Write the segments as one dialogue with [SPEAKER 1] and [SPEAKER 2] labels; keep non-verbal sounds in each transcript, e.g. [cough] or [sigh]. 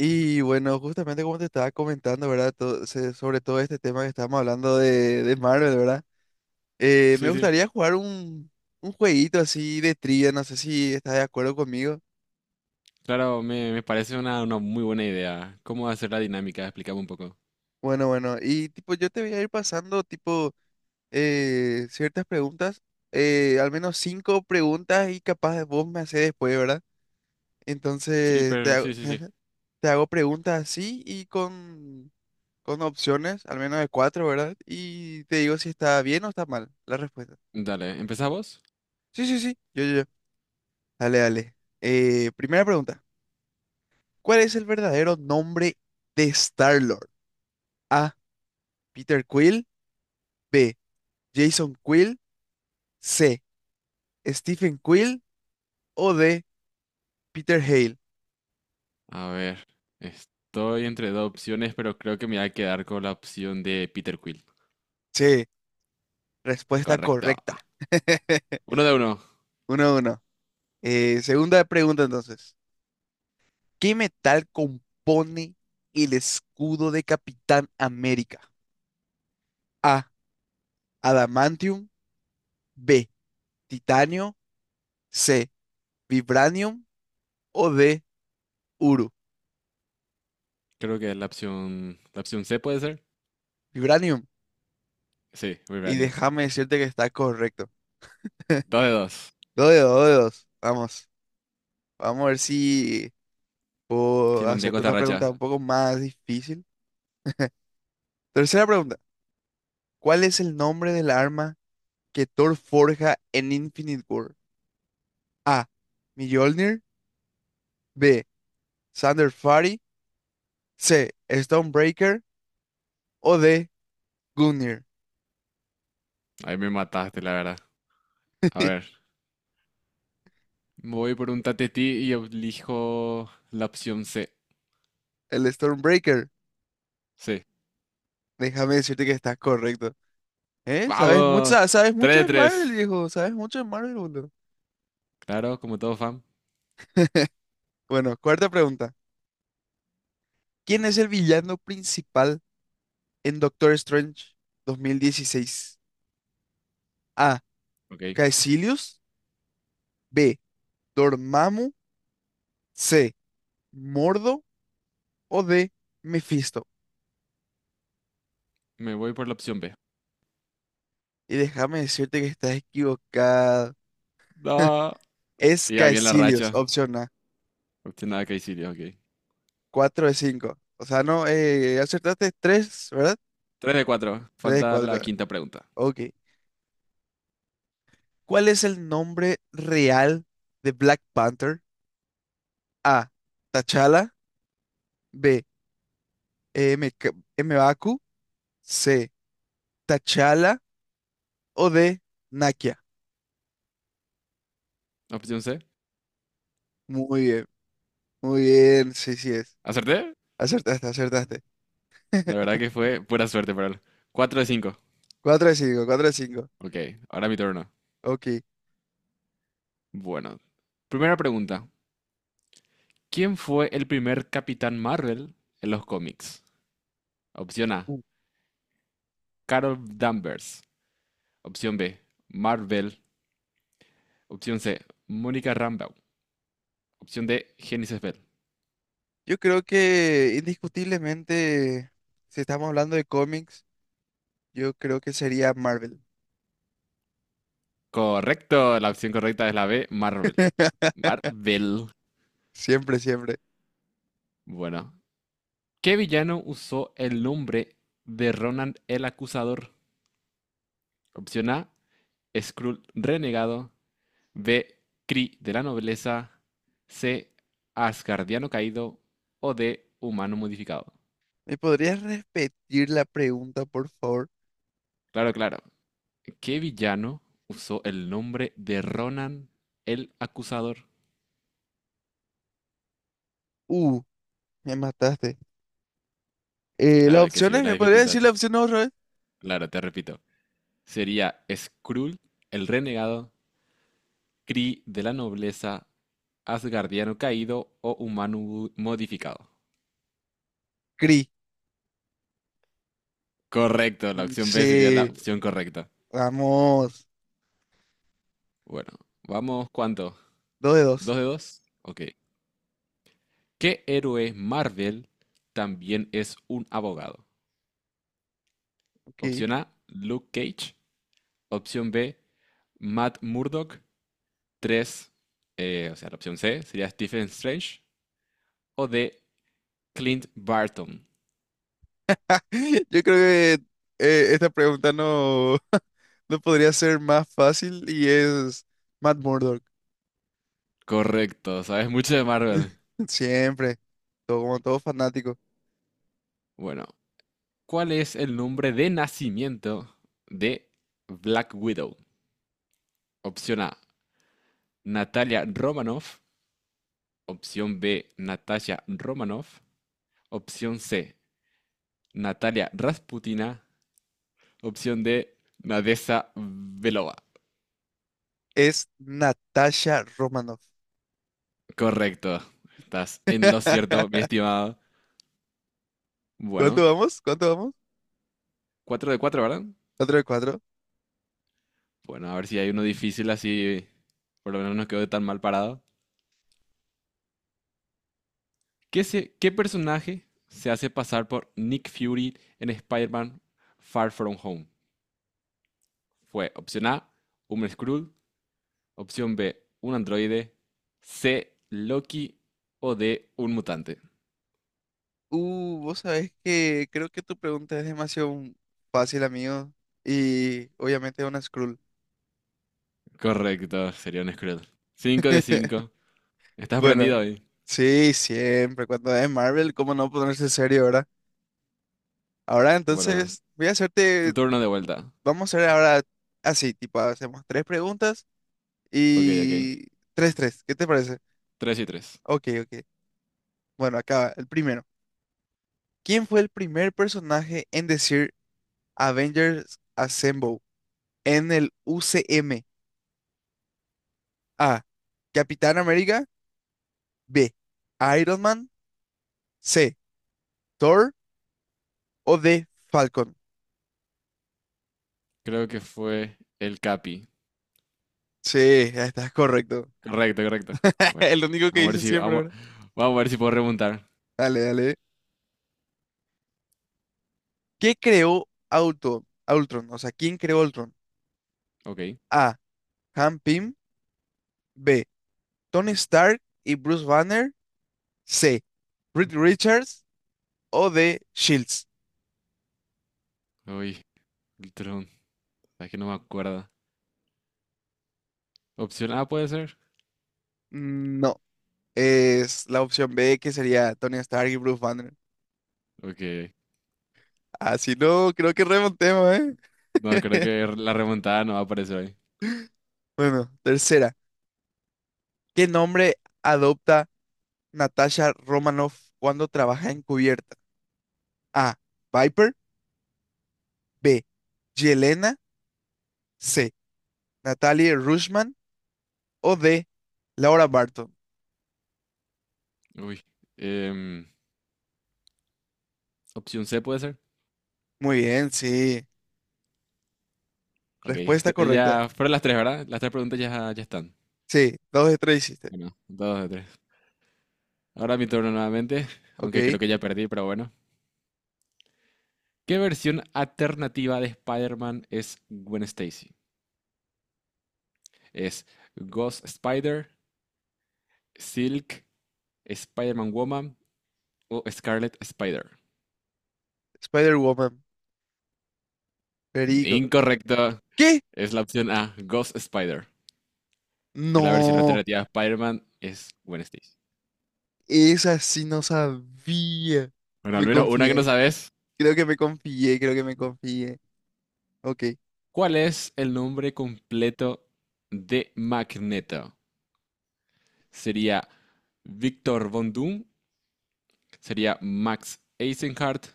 [SPEAKER 1] Y bueno, justamente como te estaba comentando, ¿verdad? Sobre todo este tema que estábamos hablando de Marvel, ¿verdad? Me
[SPEAKER 2] Sí, sí,
[SPEAKER 1] gustaría jugar un jueguito así de trivia, no sé si estás de acuerdo conmigo.
[SPEAKER 2] claro, me parece una muy buena idea. ¿Cómo hacer la dinámica? Explícame un poco.
[SPEAKER 1] Bueno, bueno, y tipo, yo te voy a ir pasando tipo ciertas preguntas, al menos cinco preguntas y capaz vos me haces después, ¿verdad?
[SPEAKER 2] Sí,
[SPEAKER 1] Entonces te
[SPEAKER 2] pero
[SPEAKER 1] hago,
[SPEAKER 2] sí, sí, sí.
[SPEAKER 1] [laughs] te hago preguntas así y con opciones, al menos de cuatro, ¿verdad? Y te digo si está bien o está mal la respuesta.
[SPEAKER 2] Dale, ¿empezamos?
[SPEAKER 1] Sí, sí, sí. Yo. Dale, dale. Primera pregunta. ¿Cuál es el verdadero nombre de Star-Lord? A. Peter Quill. B. Jason Quill. C. Stephen Quill. O D. Peter Hale.
[SPEAKER 2] A ver, estoy entre dos opciones, pero creo que me voy a quedar con la opción de Peter Quill.
[SPEAKER 1] Sí, respuesta
[SPEAKER 2] Correcto.
[SPEAKER 1] correcta. [laughs]
[SPEAKER 2] Uno de uno.
[SPEAKER 1] Uno a uno. Segunda pregunta entonces. ¿Qué metal compone el escudo de Capitán América? A. Adamantium. B. Titanio. C. Vibranium. O D. Uru.
[SPEAKER 2] Creo que es la opción C puede ser.
[SPEAKER 1] Vibranium.
[SPEAKER 2] Sí,
[SPEAKER 1] Y
[SPEAKER 2] Vibranium.
[SPEAKER 1] déjame decirte que está correcto. [laughs]
[SPEAKER 2] Dos de dos.
[SPEAKER 1] Dos de dos, dos de dos. Vamos. Vamos a ver si puedo
[SPEAKER 2] Sí, mantengo
[SPEAKER 1] hacerte
[SPEAKER 2] esta
[SPEAKER 1] otra
[SPEAKER 2] racha.
[SPEAKER 1] pregunta un poco más difícil. Tercera pregunta. ¿Cuál es el nombre del arma que Thor forja en Infinite War? A. Mjolnir. B. Thunderfury. C. Stormbreaker. O D. Gungnir.
[SPEAKER 2] Ahí me mataste, la verdad. A ver, voy por un tatetí y elijo la opción C.
[SPEAKER 1] El Stormbreaker.
[SPEAKER 2] Sí.
[SPEAKER 1] Déjame decirte que está correcto. ¿Eh? ¿Sabes
[SPEAKER 2] ¡Vamos!
[SPEAKER 1] mucho, sabes
[SPEAKER 2] Tres
[SPEAKER 1] mucho
[SPEAKER 2] de
[SPEAKER 1] de Marvel,
[SPEAKER 2] tres.
[SPEAKER 1] viejo? ¿Sabes mucho de Marvel, boludo?
[SPEAKER 2] Claro, como todo fan.
[SPEAKER 1] Bueno, cuarta pregunta. ¿Quién es el villano principal en Doctor Strange 2016? A.
[SPEAKER 2] Ok.
[SPEAKER 1] Caecilius. B. Dormammu. C. Mordo. O D. Mephisto.
[SPEAKER 2] Me voy por la opción B.
[SPEAKER 1] Y déjame decirte que estás equivocada.
[SPEAKER 2] No.
[SPEAKER 1] Es
[SPEAKER 2] Y ya bien la
[SPEAKER 1] Caecilius,
[SPEAKER 2] racha.
[SPEAKER 1] opción A.
[SPEAKER 2] Opción A, Caecilio, ok.
[SPEAKER 1] 4 de 5. O sea, no, acertaste 3, ¿verdad?
[SPEAKER 2] 3 de 4,
[SPEAKER 1] 3 de
[SPEAKER 2] falta
[SPEAKER 1] 4.
[SPEAKER 2] la
[SPEAKER 1] Correcto.
[SPEAKER 2] quinta pregunta.
[SPEAKER 1] Ok. ¿Cuál es el nombre real de Black Panther? A. T'Challa. B. Eh, M. K- M'Baku. C. Tachala o de Nakia.
[SPEAKER 2] Opción C.
[SPEAKER 1] Muy bien, muy bien. Sí, sí es.
[SPEAKER 2] ¿Acerté?
[SPEAKER 1] Acertaste, acertaste.
[SPEAKER 2] La verdad
[SPEAKER 1] [laughs]
[SPEAKER 2] que fue pura suerte para él. Cuatro de cinco,
[SPEAKER 1] Cuatro de 5, 4 de cinco.
[SPEAKER 2] ok, ahora mi turno.
[SPEAKER 1] Ok.
[SPEAKER 2] Bueno. Primera pregunta. ¿Quién fue el primer Capitán Marvel en los cómics? Opción A.
[SPEAKER 1] Uh,
[SPEAKER 2] Carol Danvers. Opción B. Marvel. Opción C. Mónica Rambeau. Opción D. Genesis Bell.
[SPEAKER 1] yo creo que indiscutiblemente, si estamos hablando de cómics, yo creo que sería Marvel.
[SPEAKER 2] Correcto, la opción correcta es la B, Marvel.
[SPEAKER 1] [laughs]
[SPEAKER 2] Marvel.
[SPEAKER 1] Siempre, siempre.
[SPEAKER 2] Bueno. ¿Qué villano usó el nombre de Ronan el Acusador? Opción A, Skrull Renegado. B, Kree de la Nobleza. C, Asgardiano Caído. O D, Humano Modificado.
[SPEAKER 1] ¿Me podrías repetir la pregunta, por favor?
[SPEAKER 2] Claro, claro. ¿Qué villano usó el nombre de Ronan el Acusador?
[SPEAKER 1] Uh, me mataste. Las
[SPEAKER 2] Claro, hay que
[SPEAKER 1] opciones,
[SPEAKER 2] subir la
[SPEAKER 1] ¿me podrías decir
[SPEAKER 2] dificultad.
[SPEAKER 1] las opciones otra vez?
[SPEAKER 2] Claro, te repito. Sería Skrull el Renegado. Kree de la nobleza asgardiano caído o humano modificado.
[SPEAKER 1] Cree.
[SPEAKER 2] Correcto, la
[SPEAKER 1] Mm,
[SPEAKER 2] opción B sería la
[SPEAKER 1] sí,
[SPEAKER 2] opción correcta.
[SPEAKER 1] vamos.
[SPEAKER 2] Bueno, vamos, ¿cuánto?
[SPEAKER 1] Dos de
[SPEAKER 2] ¿Dos
[SPEAKER 1] dos.
[SPEAKER 2] de dos? Ok. ¿Qué héroe Marvel también es un abogado?
[SPEAKER 1] Ok.
[SPEAKER 2] Opción A, Luke Cage. Opción B, Matt Murdock. 3, o sea, la opción C sería Stephen Strange. O D, Clint Barton.
[SPEAKER 1] [laughs] Yo creo que esta pregunta no, [laughs] no podría ser más fácil y es Matt Murdock.
[SPEAKER 2] Correcto, sabes mucho de Marvel.
[SPEAKER 1] [laughs] Siempre, todo, como todo fanático.
[SPEAKER 2] Bueno, ¿cuál es el nombre de nacimiento de Black Widow? Opción A, Natalia Romanoff. Opción B, Natasha Romanoff. Opción C, Natalia Rasputina. Opción D, Nadesa Belova.
[SPEAKER 1] Es Natasha Romanoff.
[SPEAKER 2] Correcto. Estás en lo cierto, mi
[SPEAKER 1] [laughs]
[SPEAKER 2] estimado.
[SPEAKER 1] ¿Cuánto
[SPEAKER 2] Bueno,
[SPEAKER 1] vamos? ¿Cuánto vamos?
[SPEAKER 2] cuatro de cuatro, ¿verdad?
[SPEAKER 1] ¿Cuatro de cuatro?
[SPEAKER 2] Bueno, a ver si hay uno difícil así. Por lo menos no quedó tan mal parado. ¿ qué personaje se hace pasar por Nick Fury en Spider-Man Far From Home? Fue opción A, un Skrull, opción B, un androide, C, Loki o D, un mutante.
[SPEAKER 1] Vos sabés que creo que tu pregunta es demasiado fácil, amigo. Y obviamente es una Skrull.
[SPEAKER 2] Correcto, sería un Skrull. 5 de
[SPEAKER 1] [laughs]
[SPEAKER 2] 5. ¿Estás
[SPEAKER 1] Bueno,
[SPEAKER 2] prendido hoy?
[SPEAKER 1] sí, siempre. Cuando es Marvel, ¿cómo no ponerse serio, verdad? Ahora
[SPEAKER 2] Bueno,
[SPEAKER 1] entonces voy a hacerte,
[SPEAKER 2] tu turno de vuelta.
[SPEAKER 1] vamos a hacer ahora así, tipo, hacemos tres preguntas
[SPEAKER 2] Ok, ok.
[SPEAKER 1] y tres, tres, ¿qué te parece?
[SPEAKER 2] 3 y tres.
[SPEAKER 1] Ok, ok. Bueno, acaba, el primero. ¿Quién fue el primer personaje en decir Avengers Assemble en el UCM? A. Capitán América. B. Iron Man. C. Thor. O D. Falcon.
[SPEAKER 2] Creo que fue el Capi.
[SPEAKER 1] Sí, ya estás correcto.
[SPEAKER 2] Correcto, correcto.
[SPEAKER 1] [laughs]
[SPEAKER 2] Bueno,
[SPEAKER 1] El único que
[SPEAKER 2] vamos a ver
[SPEAKER 1] dice
[SPEAKER 2] si,
[SPEAKER 1] siempre,
[SPEAKER 2] vamos,
[SPEAKER 1] ¿verdad?
[SPEAKER 2] vamos a ver si puedo remontar.
[SPEAKER 1] Dale, dale. ¿Qué creó Ultron? Ultron, o sea, ¿quién creó Ultron?
[SPEAKER 2] Ok.
[SPEAKER 1] A. Han Pym. B. Tony Stark y Bruce Banner. C. Reed Richards. O D. Shields.
[SPEAKER 2] Uy, el tron. Es que no me acuerdo. Opción A puede ser.
[SPEAKER 1] No, es la opción B que sería Tony Stark y Bruce Banner.
[SPEAKER 2] Ok.
[SPEAKER 1] Así no creo que remontemos, ¿eh?
[SPEAKER 2] No, creo
[SPEAKER 1] [laughs]
[SPEAKER 2] que la remontada no va a aparecer ahí.
[SPEAKER 1] Bueno, tercera. ¿Qué nombre adopta Natasha Romanoff cuando trabaja encubierta? A. Viper. B. Yelena. C. Natalie Rushman. O D. Laura Barton.
[SPEAKER 2] Uy. Em, opción C puede ser.
[SPEAKER 1] Muy bien, sí.
[SPEAKER 2] Ok.
[SPEAKER 1] Respuesta correcta.
[SPEAKER 2] Ya fueron las tres, ¿verdad? Las tres preguntas ya están.
[SPEAKER 1] Sí, dos de tres hiciste.
[SPEAKER 2] Bueno, dos de tres. Ahora mi turno nuevamente, aunque
[SPEAKER 1] Ok.
[SPEAKER 2] creo que ya perdí, pero bueno. ¿Qué versión alternativa de Spider-Man es Gwen Stacy? ¿Es Ghost Spider, Silk, Spider-Man Woman o Scarlet Spider?
[SPEAKER 1] Spider-Woman. Perico.
[SPEAKER 2] Incorrecto.
[SPEAKER 1] ¿Qué?
[SPEAKER 2] Es la opción A, Ghost Spider. Es la versión
[SPEAKER 1] No.
[SPEAKER 2] alternativa de Spider-Man, es Gwen Stacy.
[SPEAKER 1] Esa sí no sabía.
[SPEAKER 2] Bueno, al
[SPEAKER 1] Me
[SPEAKER 2] menos una que no
[SPEAKER 1] confié.
[SPEAKER 2] sabes.
[SPEAKER 1] Creo que me confié. Ok.
[SPEAKER 2] ¿Cuál es el nombre completo de Magneto? ¿Sería Victor Von Doom? ¿Sería Max Eisenhardt?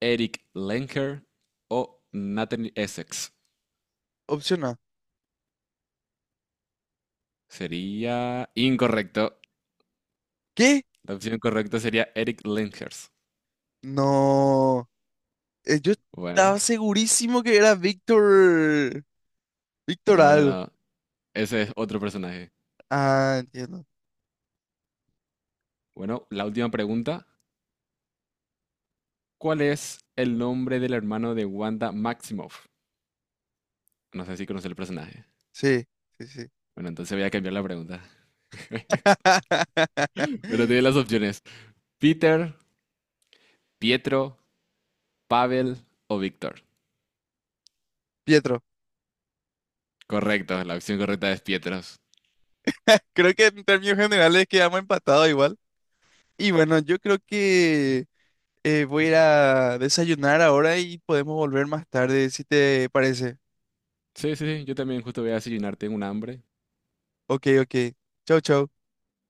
[SPEAKER 2] ¿Eric Lenker? ¿O Nathan Essex?
[SPEAKER 1] Opción A.
[SPEAKER 2] Sería incorrecto.
[SPEAKER 1] ¿Qué?
[SPEAKER 2] La opción correcta sería Eric Lenkers.
[SPEAKER 1] No. Yo
[SPEAKER 2] Bueno,
[SPEAKER 1] estaba segurísimo que era Víctor. Víctor
[SPEAKER 2] no, no,
[SPEAKER 1] algo.
[SPEAKER 2] no. Ese es otro personaje.
[SPEAKER 1] Ah, entiendo.
[SPEAKER 2] Bueno, la última pregunta. ¿Cuál es el nombre del hermano de Wanda Maximoff? No sé si conoce el personaje.
[SPEAKER 1] Sí, sí, sí.
[SPEAKER 2] Bueno, entonces voy a cambiar la pregunta. [laughs] Bueno,
[SPEAKER 1] [laughs]
[SPEAKER 2] tiene las opciones. Peter, Pietro, Pavel o Víctor.
[SPEAKER 1] Pietro.
[SPEAKER 2] Correcto, la opción correcta es Pietros.
[SPEAKER 1] [laughs] Creo que en términos generales quedamos empatados igual. Y bueno, yo creo que voy a ir a desayunar ahora y podemos volver más tarde, si te parece.
[SPEAKER 2] Sí, sí, sí, yo también justo voy a desayunar, tengo un hambre.
[SPEAKER 1] Ok, ok. Chau, chau.